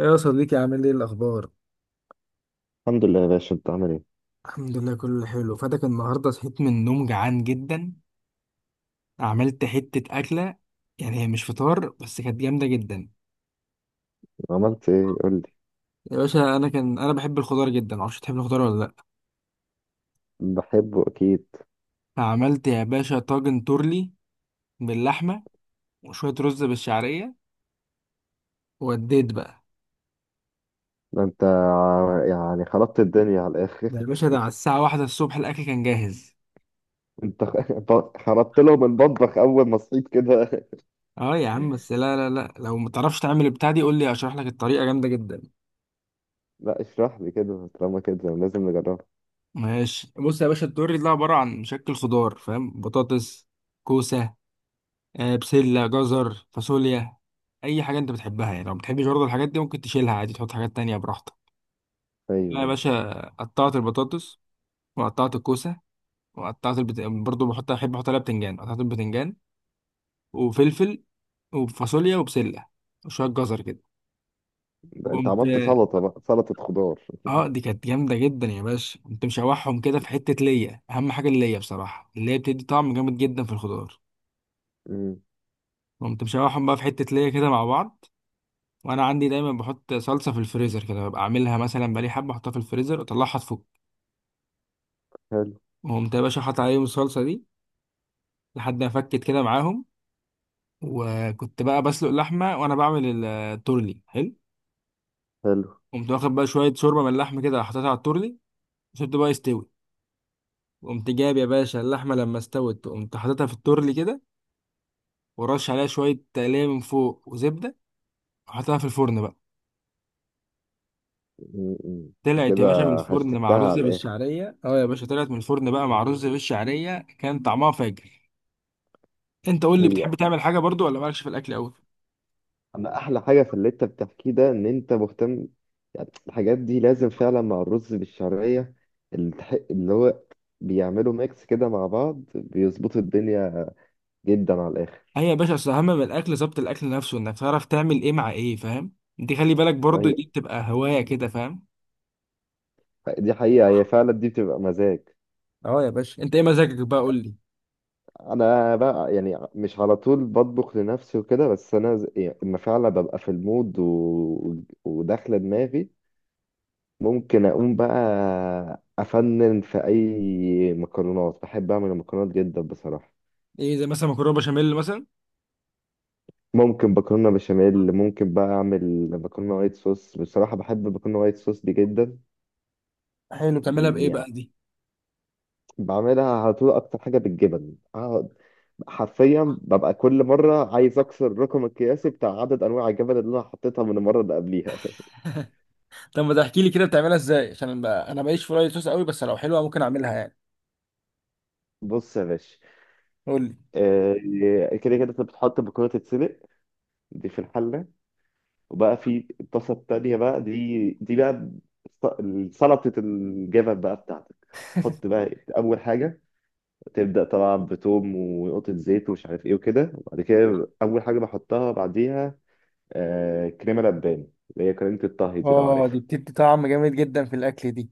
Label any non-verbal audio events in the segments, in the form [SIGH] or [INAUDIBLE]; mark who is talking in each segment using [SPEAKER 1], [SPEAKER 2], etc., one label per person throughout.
[SPEAKER 1] إيه يا صديقي، عامل ايه الاخبار؟
[SPEAKER 2] الحمد لله يا باشا، انت عامل ايه؟
[SPEAKER 1] الحمد لله، كله حلو. فاتك النهارده، صحيت من النوم جعان جدا. عملت حتة أكلة، يعني هي مش فطار بس كانت جامدة جدا.
[SPEAKER 2] عملت ايه قول لي.
[SPEAKER 1] يا باشا، أنا بحب الخضار جدا. معرفش تحب الخضار ولا لأ؟
[SPEAKER 2] بحبه اكيد.
[SPEAKER 1] فعملت يا باشا طاجن تورلي باللحمة وشوية رز بالشعرية، ووديت بقى.
[SPEAKER 2] يعني خربت الدنيا على الاخر.
[SPEAKER 1] يا باشا، ده على الساعة 1 الصبح الأكل كان جاهز.
[SPEAKER 2] [LAUGHS] انت خربت لهم المطبخ اول ما صحيت كده.
[SPEAKER 1] اه يا عم، بس لا لا لا، لو متعرفش تعمل البتاع دي قول لي أشرح لك الطريقة، جامدة جدا.
[SPEAKER 2] [LAUGHS] لا اشرح لي كده، طالما كده لازم نجربها.
[SPEAKER 1] ماشي، بص يا باشا، الدوري ده عبارة عن مشكل خضار، فاهم؟ بطاطس، كوسة، بسلة، جزر، فاصوليا، أي حاجة أنت بتحبها. يعني لو بتحبش برضه الحاجات دي، ممكن تشيلها عادي، تحط حاجات تانية براحتك. أنا يا
[SPEAKER 2] ايوه،
[SPEAKER 1] باشا قطعت البطاطس، وقطعت الكوسة، برضه بحط، أحب أحط عليها بتنجان، قطعت البتنجان وفلفل وفاصوليا وبسلة وشوية جزر كده.
[SPEAKER 2] ده انت
[SPEAKER 1] وقمت،
[SPEAKER 2] عملت سلطه بقى، سلطه خضار. [LAUGHS]
[SPEAKER 1] اه دي كانت جامدة جدا يا باشا. قمت مشوحهم كده في حتة ليا، أهم حاجة الليا بصراحة، اللي هي بتدي طعم جامد جدا في الخضار.
[SPEAKER 2] امم،
[SPEAKER 1] قمت مشوحهم بقى في حتة ليا كده مع بعض. وانا عندي دايما بحط صلصة في الفريزر كده، ببقى اعملها مثلا بقالي حبة، احطها في الفريزر اطلعها تفك.
[SPEAKER 2] حلو
[SPEAKER 1] وقمت يا باشا حاطط عليهم الصلصة دي لحد ما فكت كده معاهم. وكنت بقى بسلق اللحمة وانا بعمل التورلي. حلو.
[SPEAKER 2] حلو.
[SPEAKER 1] قمت واخد بقى شوية شوربة من اللحمة كده، حطيتها على التورلي، وسبته بقى يستوي. قمت جايب يا باشا اللحمة، لما استوت قمت حاططها في التورلي كده، ورش عليها شوية تقلية من فوق وزبدة، وحطيتها في الفرن بقى.
[SPEAKER 2] امم، امم.
[SPEAKER 1] طلعت يا
[SPEAKER 2] كده
[SPEAKER 1] باشا من الفرن مع
[SPEAKER 2] هشتكتها
[SPEAKER 1] رز
[SPEAKER 2] على الاخر.
[SPEAKER 1] بالشعريه، اه يا باشا طلعت من الفرن بقى مع رز بالشعريه، كان طعمها فاجر. انت قول لي،
[SPEAKER 2] هي
[SPEAKER 1] بتحب تعمل حاجه برضو ولا مالكش في الاكل قوي؟
[SPEAKER 2] انا احلى حاجه في اللي انت بتحكيه ده ان انت مهتم. يعني الحاجات دي لازم فعلا مع الرز بالشعريه، اللي هو بيعملوا ميكس كده مع بعض، بيظبطوا الدنيا جدا على الاخر.
[SPEAKER 1] هي يا باشا اصل اهم من الاكل ظبط الاكل نفسه، انك تعرف تعمل ايه مع ايه، فاهم؟ دي خلي بالك برضو،
[SPEAKER 2] ايوه،
[SPEAKER 1] دي بتبقى هوايه كده، فاهم.
[SPEAKER 2] دي حقيقه، هي فعلا دي بتبقى مزاج.
[SPEAKER 1] اه يا باشا، انت ايه مزاجك بقى؟ قول لي.
[SPEAKER 2] انا بقى يعني مش على طول بطبخ لنفسي وكده، بس يعني اما فعلا ببقى في المود وداخله دماغي ممكن اقوم بقى افنن في اي مكرونات. بحب اعمل المكرونات جدا بصراحه.
[SPEAKER 1] ايه زي مثلا مكرونه بشاميل مثلا؟
[SPEAKER 2] ممكن مكرونه بشاميل، ممكن بقى اعمل مكرونه وايت صوص. بصراحه بحب المكرونه وايت صوص دي جدا
[SPEAKER 1] حلو، بتعملها بايه
[SPEAKER 2] يعني.
[SPEAKER 1] بقى دي؟
[SPEAKER 2] بعملها على طول اكتر حاجه بالجبن. اقعد حرفيا ببقى كل مره عايز اكسر الرقم القياسي بتاع عدد انواع الجبن اللي انا حطيتها من المره اللي قبليها.
[SPEAKER 1] طب ما تحكي لي كده بتعملها ازاي، عشان بقى انا ماليش في رايي صوص قوي، بس لو حلوه ممكن اعملها يعني.
[SPEAKER 2] [LAUGHS] بص يا باشا،
[SPEAKER 1] قول لي.
[SPEAKER 2] آه، كده كده انت بتحط المكرونه تتسلق، دي في الحله. وبقى في الطاسه التانيه بقى، دي بقى سلطه الجبن بقى بتاعتك. تحط بقى اول حاجه، تبدأ طبعا بتوم ونقطة زيت ومش عارف ايه وكده. وبعد كده أول حاجة بحطها بعديها، آه، كريمة لبان اللي هي كريمة الطهي دي لو
[SPEAKER 1] اه، دي
[SPEAKER 2] عارفها.
[SPEAKER 1] بتدي طعم جامد جدا في الاكل دي.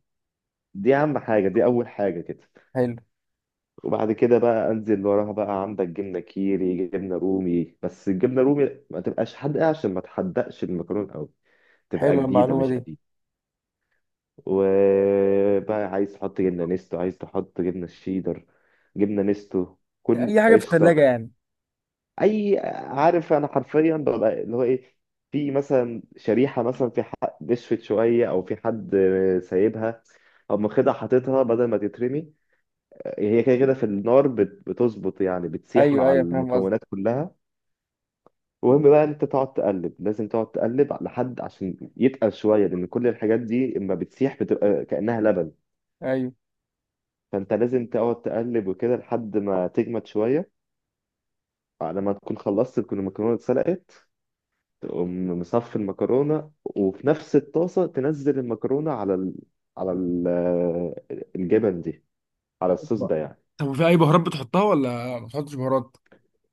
[SPEAKER 2] دي أهم حاجة، دي أول حاجة كده.
[SPEAKER 1] حلو.
[SPEAKER 2] وبعد كده بقى أنزل وراها، بقى عندك جبنة كيري، جبنة رومي. بس الجبنة رومي ما تبقاش حادقة عشان ما تحدقش المكرونة أوي، تبقى
[SPEAKER 1] حلوه
[SPEAKER 2] جديدة
[SPEAKER 1] المعلومه
[SPEAKER 2] مش
[SPEAKER 1] دي.
[SPEAKER 2] قديمة. وبقى عايز تحط جبنة نستو، عايز تحط جبنة شيدر، جبنة نستو، كل
[SPEAKER 1] اي حاجه في الثلاجه
[SPEAKER 2] قشطة،
[SPEAKER 1] يعني؟
[SPEAKER 2] اي. عارف انا حرفيا ببقى اللي هو ايه، في مثلا شريحه، مثلا في حد نشفت شويه، او في حد سايبها، او مخدها حاططها بدل ما تترمي. هي كده كده في النار بتظبط يعني، بتسيح
[SPEAKER 1] ايوه
[SPEAKER 2] مع
[SPEAKER 1] ايوه، فاهم
[SPEAKER 2] المكونات
[SPEAKER 1] قصدك.
[SPEAKER 2] كلها. المهم بقى انت تقعد تقلب، لازم تقعد تقلب لحد عشان يتقل شويه، لان كل الحاجات دي اما بتسيح بتبقى كانها لبن.
[SPEAKER 1] ايوه.
[SPEAKER 2] فانت لازم تقعد تقلب وكده لحد ما تجمد شويه، على ما تكون خلصت تكون المكرونه اتسلقت. تقوم مصفي المكرونة، وفي نفس الطاسة تنزل المكرونة على على ال... الجبن دي، على الصوص
[SPEAKER 1] أوبا.
[SPEAKER 2] ده يعني.
[SPEAKER 1] طب وفي اي بهارات بتحطها ولا ما بتحطش بهارات؟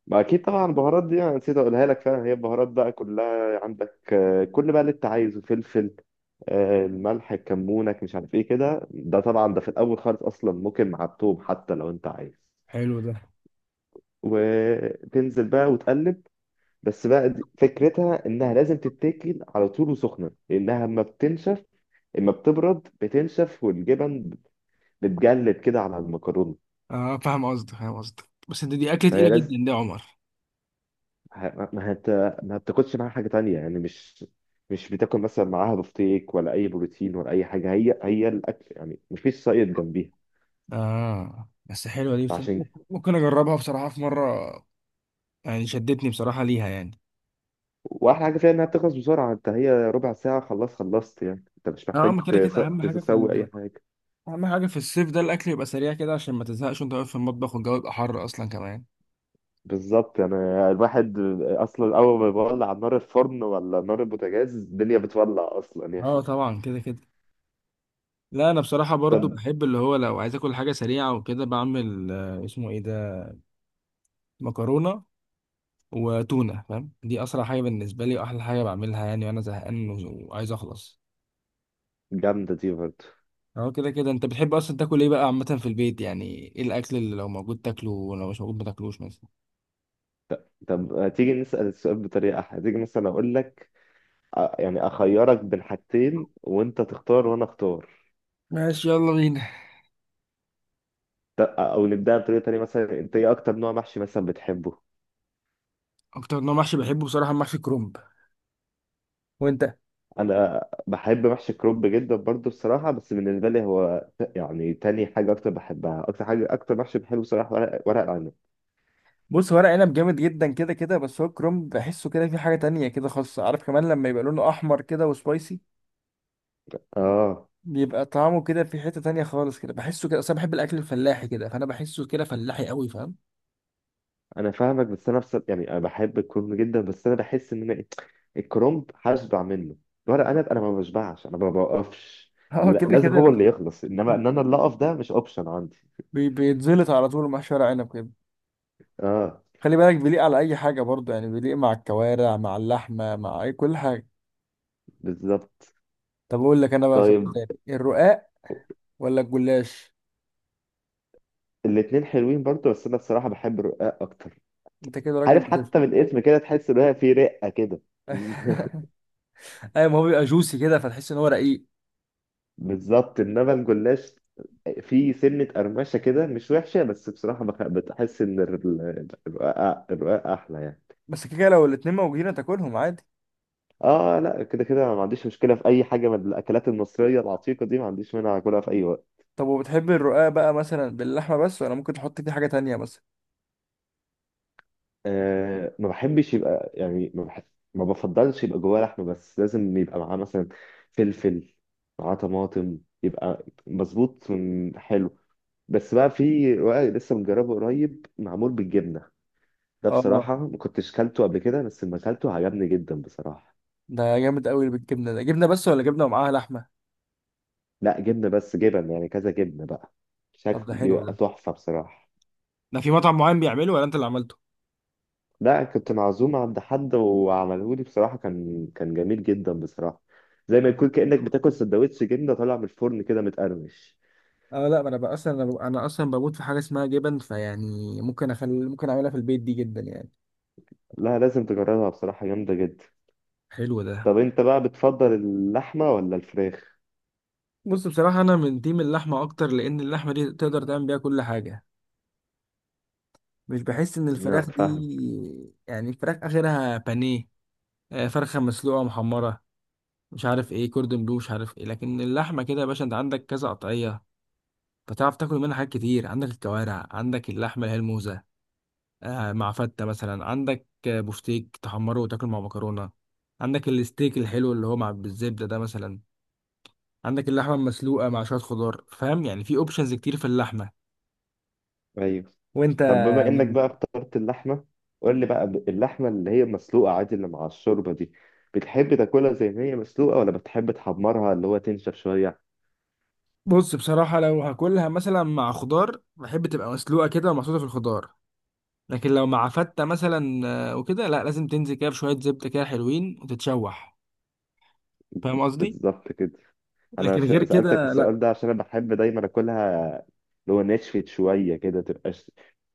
[SPEAKER 2] ما أكيد طبعا، البهارات دي أنا نسيت أقولها لك. فعلا هي البهارات بقى كلها عندك، آه، كل بقى اللي أنت عايزه، فلفل، آه، الملح، الكمونك، مش عارف إيه كده. ده طبعا ده في الأول خالص، أصلا ممكن مع التوم حتى لو أنت عايز.
[SPEAKER 1] حلو ده.
[SPEAKER 2] وتنزل بقى وتقلب. بس بقى فكرتها إنها لازم تتاكل على طول وسخنة، لأنها ما بتنشف. اما بتبرد بتنشف والجبن بتجلد كده على المكرونه.
[SPEAKER 1] اه فاهم قصدك، فاهم قصدك، بس انت دي اكله تقيله
[SPEAKER 2] فهي
[SPEAKER 1] جدا
[SPEAKER 2] لازم
[SPEAKER 1] دي يا عمر.
[SPEAKER 2] ه- ما هت... ما بتاكلش معاها حاجه تانية يعني. مش بتاكل مثلا معاها بفتيك ولا اي بروتين ولا اي حاجه. هي هي الاكل يعني، مفيش سايد جنبيها.
[SPEAKER 1] اه بس حلوه دي، بس
[SPEAKER 2] فعشان
[SPEAKER 1] ممكن اجربها بصراحه في مره. يعني شدتني بصراحه ليها يعني.
[SPEAKER 2] واحلى حاجه فيها انها بتخلص بسرعه. انت هي ربع ساعه خلاص خلصت يعني، انت مش
[SPEAKER 1] اه
[SPEAKER 2] محتاج
[SPEAKER 1] ما كده كده اهم حاجه في
[SPEAKER 2] تسوي اي حاجه.
[SPEAKER 1] اهم حاجه في الصيف ده، الاكل يبقى سريع كده عشان ما تزهقش وانت واقف في المطبخ، والجو يبقى حر اصلا كمان.
[SPEAKER 2] بالظبط. انا الواحد اصلا اول ما بيولع على نار الفرن ولا نار البوتاجاز، الدنيا بتولع اصلا يا اخي.
[SPEAKER 1] اه طبعا كده كده. لا انا بصراحه
[SPEAKER 2] طب.
[SPEAKER 1] برضو بحب اللي هو لو عايز اكل حاجه سريعه وكده، بعمل اسمه ايه ده، مكرونه وتونه. فاهم، دي اسرع حاجه بالنسبه لي، واحلى حاجه بعملها يعني وانا زهقان وعايز اخلص.
[SPEAKER 2] جامده دي برضه.
[SPEAKER 1] اهو كده كده. انت بتحب اصلا تاكل ايه بقى عامه في البيت يعني؟ ايه الاكل اللي لو موجود تاكله ولو مش موجود ما تاكلوش مثلا؟
[SPEAKER 2] طب تيجي نسأل السؤال بطريقة أحلى، تيجي مثلا أقول لك، يعني أخيرك بين حاجتين وأنت تختار وأنا أختار.
[SPEAKER 1] ماشي، يلا بينا.
[SPEAKER 2] أو نبدأ بطريقة تانية، مثلا أنت إيه أكتر نوع محشي مثلا بتحبه؟
[SPEAKER 1] اكتر نوع محشي بحبه بصراحه محشي كرنب. وانت؟
[SPEAKER 2] أنا بحب محشي الكرنب جدا برضه بصراحة، بس بالنسبة لي هو يعني تاني حاجة أكتر بحبها، أكتر حاجة أكتر محشي بحبه بصراحة، ورق العنب.
[SPEAKER 1] بص، ورق عنب جامد جدا كده كده، بس هو الكرنب بحسه كده في حاجه تانية كده خاصه، عارف، كمان لما يبقى لونه احمر كده وسبايسي،
[SPEAKER 2] آه.
[SPEAKER 1] بيبقى طعمه كده في حتة تانية خالص كده، بحسه كده، اصل انا بحب الاكل الفلاحي كده، فانا بحسه كده فلاحي قوي، فاهم.
[SPEAKER 2] أنا فاهمك، بس أنا بصراحة يعني أنا بحب الكرنب جدا، بس أنا بحس إن أنا الكرومب هشبع منه. ورق عنب انا ما بشبعش، انا ما بوقفش.
[SPEAKER 1] [LAUGHS] اه كده
[SPEAKER 2] لازم
[SPEAKER 1] كده
[SPEAKER 2] هو اللي يخلص، انما
[SPEAKER 1] [LAUGHS]
[SPEAKER 2] ان انا اللي اقف ده مش اوبشن عندي.
[SPEAKER 1] بيتزلط على طول مع شوية عنب كده.
[SPEAKER 2] اه.
[SPEAKER 1] خلي بالك بيليق على اي حاجة برضه يعني، بيليق مع الكوارع مع اللحمة مع اي كل حاجة.
[SPEAKER 2] بالظبط.
[SPEAKER 1] طب اقول لك انا بقى سؤال
[SPEAKER 2] طيب.
[SPEAKER 1] تاني، الرقاق ولا الجلاش؟
[SPEAKER 2] الاتنين حلوين برضه، بس انا الصراحه بحب الرقاق اكتر.
[SPEAKER 1] انت كده راجل
[SPEAKER 2] عارف
[SPEAKER 1] بتفهم.
[SPEAKER 2] حتى من الاسم كده تحس ان هي في رقه كده. [LAUGHS]
[SPEAKER 1] [LAUGHS] ايوه ما هو بيبقى جوسي كده، فتحس ان هو رقيق.
[SPEAKER 2] بالظبط. انما الجلاش، في سنه قرمشه كده مش وحشه، بس بصراحه بتحس ان الرقاق، الرقاق احلى يعني.
[SPEAKER 1] بس كده كده لو الاتنين موجودين تاكلهم عادي.
[SPEAKER 2] اه لا، كده كده ما عنديش مشكله في اي حاجه من الاكلات المصريه العتيقه دي، ما عنديش مانع اكلها في اي وقت.
[SPEAKER 1] طب وبتحب الرقاق بقى مثلا باللحمة بس، ولا ممكن تحط فيه حاجة تانية مثلا؟
[SPEAKER 2] آه، ما بحبش يبقى يعني، ما بحب ما بفضلش يبقى جواه لحمه بس، لازم يبقى معاه مثلا فلفل، معاه طماطم، يبقى مظبوط حلو. بس بقى في رقاق لسه مجربه قريب، معمول بالجبنه، ده
[SPEAKER 1] اه،
[SPEAKER 2] بصراحه ما كنتش كلته قبل كده، بس لما كلته عجبني جدا بصراحه.
[SPEAKER 1] ده جامد قوي بالجبنه ده، جبنه بس ولا جبنه ومعاها لحمه؟
[SPEAKER 2] لا جبنه بس، جبن يعني كذا جبنه بقى،
[SPEAKER 1] طب
[SPEAKER 2] شكل
[SPEAKER 1] ده حلو
[SPEAKER 2] يبقى
[SPEAKER 1] ده.
[SPEAKER 2] تحفه بصراحه.
[SPEAKER 1] ده في مطعم معين بيعمله ولا انت اللي عملته؟
[SPEAKER 2] لا كنت معزوم عند حد وعملهولي بصراحة، كان جميل جدا بصراحة. زي ما يكون كأنك بتاكل سندوتش جبنة طالع من الفرن كده، متقرمش.
[SPEAKER 1] اه لا، ما انا بقى اصلا أنا اصلا بموت في حاجه اسمها جبن، فيعني ممكن اخلي ممكن اعملها في البيت دي جدا يعني.
[SPEAKER 2] لا لازم تجربها بصراحة، جامدة جدا.
[SPEAKER 1] حلو ده.
[SPEAKER 2] طب انت بقى بتفضل اللحمة ولا الفراخ؟
[SPEAKER 1] بص بصراحه انا من تيم اللحمه اكتر، لان اللحمه دي تقدر تعمل بيها كل حاجه. مش بحس ان
[SPEAKER 2] نعم
[SPEAKER 1] الفراخ دي،
[SPEAKER 2] فاهم.
[SPEAKER 1] يعني الفراخ اخرها بانيه، فرخه مسلوقه محمره، مش عارف ايه كوردون بلو مش عارف ايه. لكن اللحمه كده يا باشا انت عندك كذا قطعيه، فتعرف تاكل منها حاجات كتير. عندك الكوارع، عندك اللحمه اللي هي الموزه مع فته مثلا، عندك بفتيك تحمره وتاكل مع مكرونه، عندك الستيك الحلو اللي هو مع بالزبده ده مثلا، عندك اللحمه المسلوقه مع شويه خضار. فاهم، يعني في اوبشنز كتير في اللحمه.
[SPEAKER 2] ايوه.
[SPEAKER 1] وانت؟
[SPEAKER 2] طب بما انك بقى اخترت اللحمة، قول لي بقى اللحمة اللي هي مسلوقة عادي اللي مع الشوربة دي، بتحب تاكلها زي ما هي مسلوقة، ولا بتحب تحمرها اللي هو تنشف شوية؟
[SPEAKER 1] بص بصراحه، لو هاكلها مثلا مع خضار بحب تبقى مسلوقه كده ومحطوطه في الخضار. لكن لو مع فته مثلا وكده، لا، لازم تنزل كده بشويه زبده كده حلوين وتتشوح، فاهم قصدي؟
[SPEAKER 2] بالظبط كده. انا
[SPEAKER 1] لكن غير
[SPEAKER 2] سألتك
[SPEAKER 1] كده
[SPEAKER 2] السؤال
[SPEAKER 1] لا.
[SPEAKER 2] ده عشان انا بحب دايما اكلها، اللي هو نشفت شويه كده، تبقاش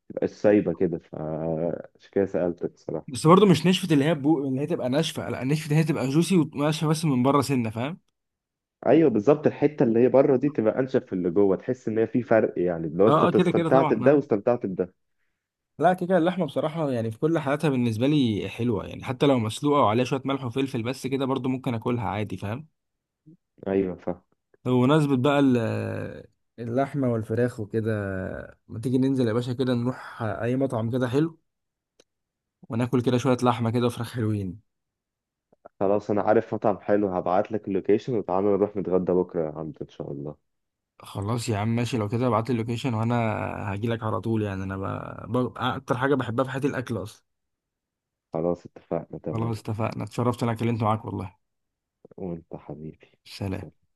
[SPEAKER 2] تبقاش سايبه كده، فعشان كده سألتك الصراحه.
[SPEAKER 1] بس برضه مش نشفة اللي هي اللي هي تبقى ناشفة، لا، نشفة اللي هي تبقى جوسي وناشفة بس من بره سنة، فاهم.
[SPEAKER 2] ايوه بالظبط، الحته اللي هي بره دي تبقى انشف في اللي جوه، تحس ان هي في فرق يعني، لو
[SPEAKER 1] اه اه
[SPEAKER 2] انت
[SPEAKER 1] كده كده
[SPEAKER 2] استمتعت
[SPEAKER 1] طبعا
[SPEAKER 2] بده
[SPEAKER 1] آه.
[SPEAKER 2] واستمتعت بده.
[SPEAKER 1] لا كده كده اللحمة بصراحة يعني في كل حالاتها بالنسبة لي حلوة، يعني حتى لو مسلوقة وعليها شوية ملح وفلفل بس كده برضه ممكن اكلها عادي، فاهم.
[SPEAKER 2] ايوه فاهم.
[SPEAKER 1] طب بمناسبة بقى اللحمة والفراخ وكده، ما تيجي ننزل يا باشا كده نروح اي مطعم كده حلو وناكل كده شوية لحمة كده وفراخ حلوين؟
[SPEAKER 2] خلاص انا عارف مطعم حلو، هبعت لك اللوكيشن وتعالى نروح نتغدى بكره عنده ان شاء الله.
[SPEAKER 1] خلاص يا عم، ماشي، لو كده ابعت لي اللوكيشن وانا هجيلك على طول، يعني انا اكتر حاجة بحبها في حياتي الاكل اصلا.
[SPEAKER 2] خلاص اتفقنا،
[SPEAKER 1] خلاص
[SPEAKER 2] تمام.
[SPEAKER 1] اتفقنا. اتشرفت انا كلمت معاك والله.
[SPEAKER 2] وانت حبيبي.
[SPEAKER 1] سلام.
[SPEAKER 2] سلام.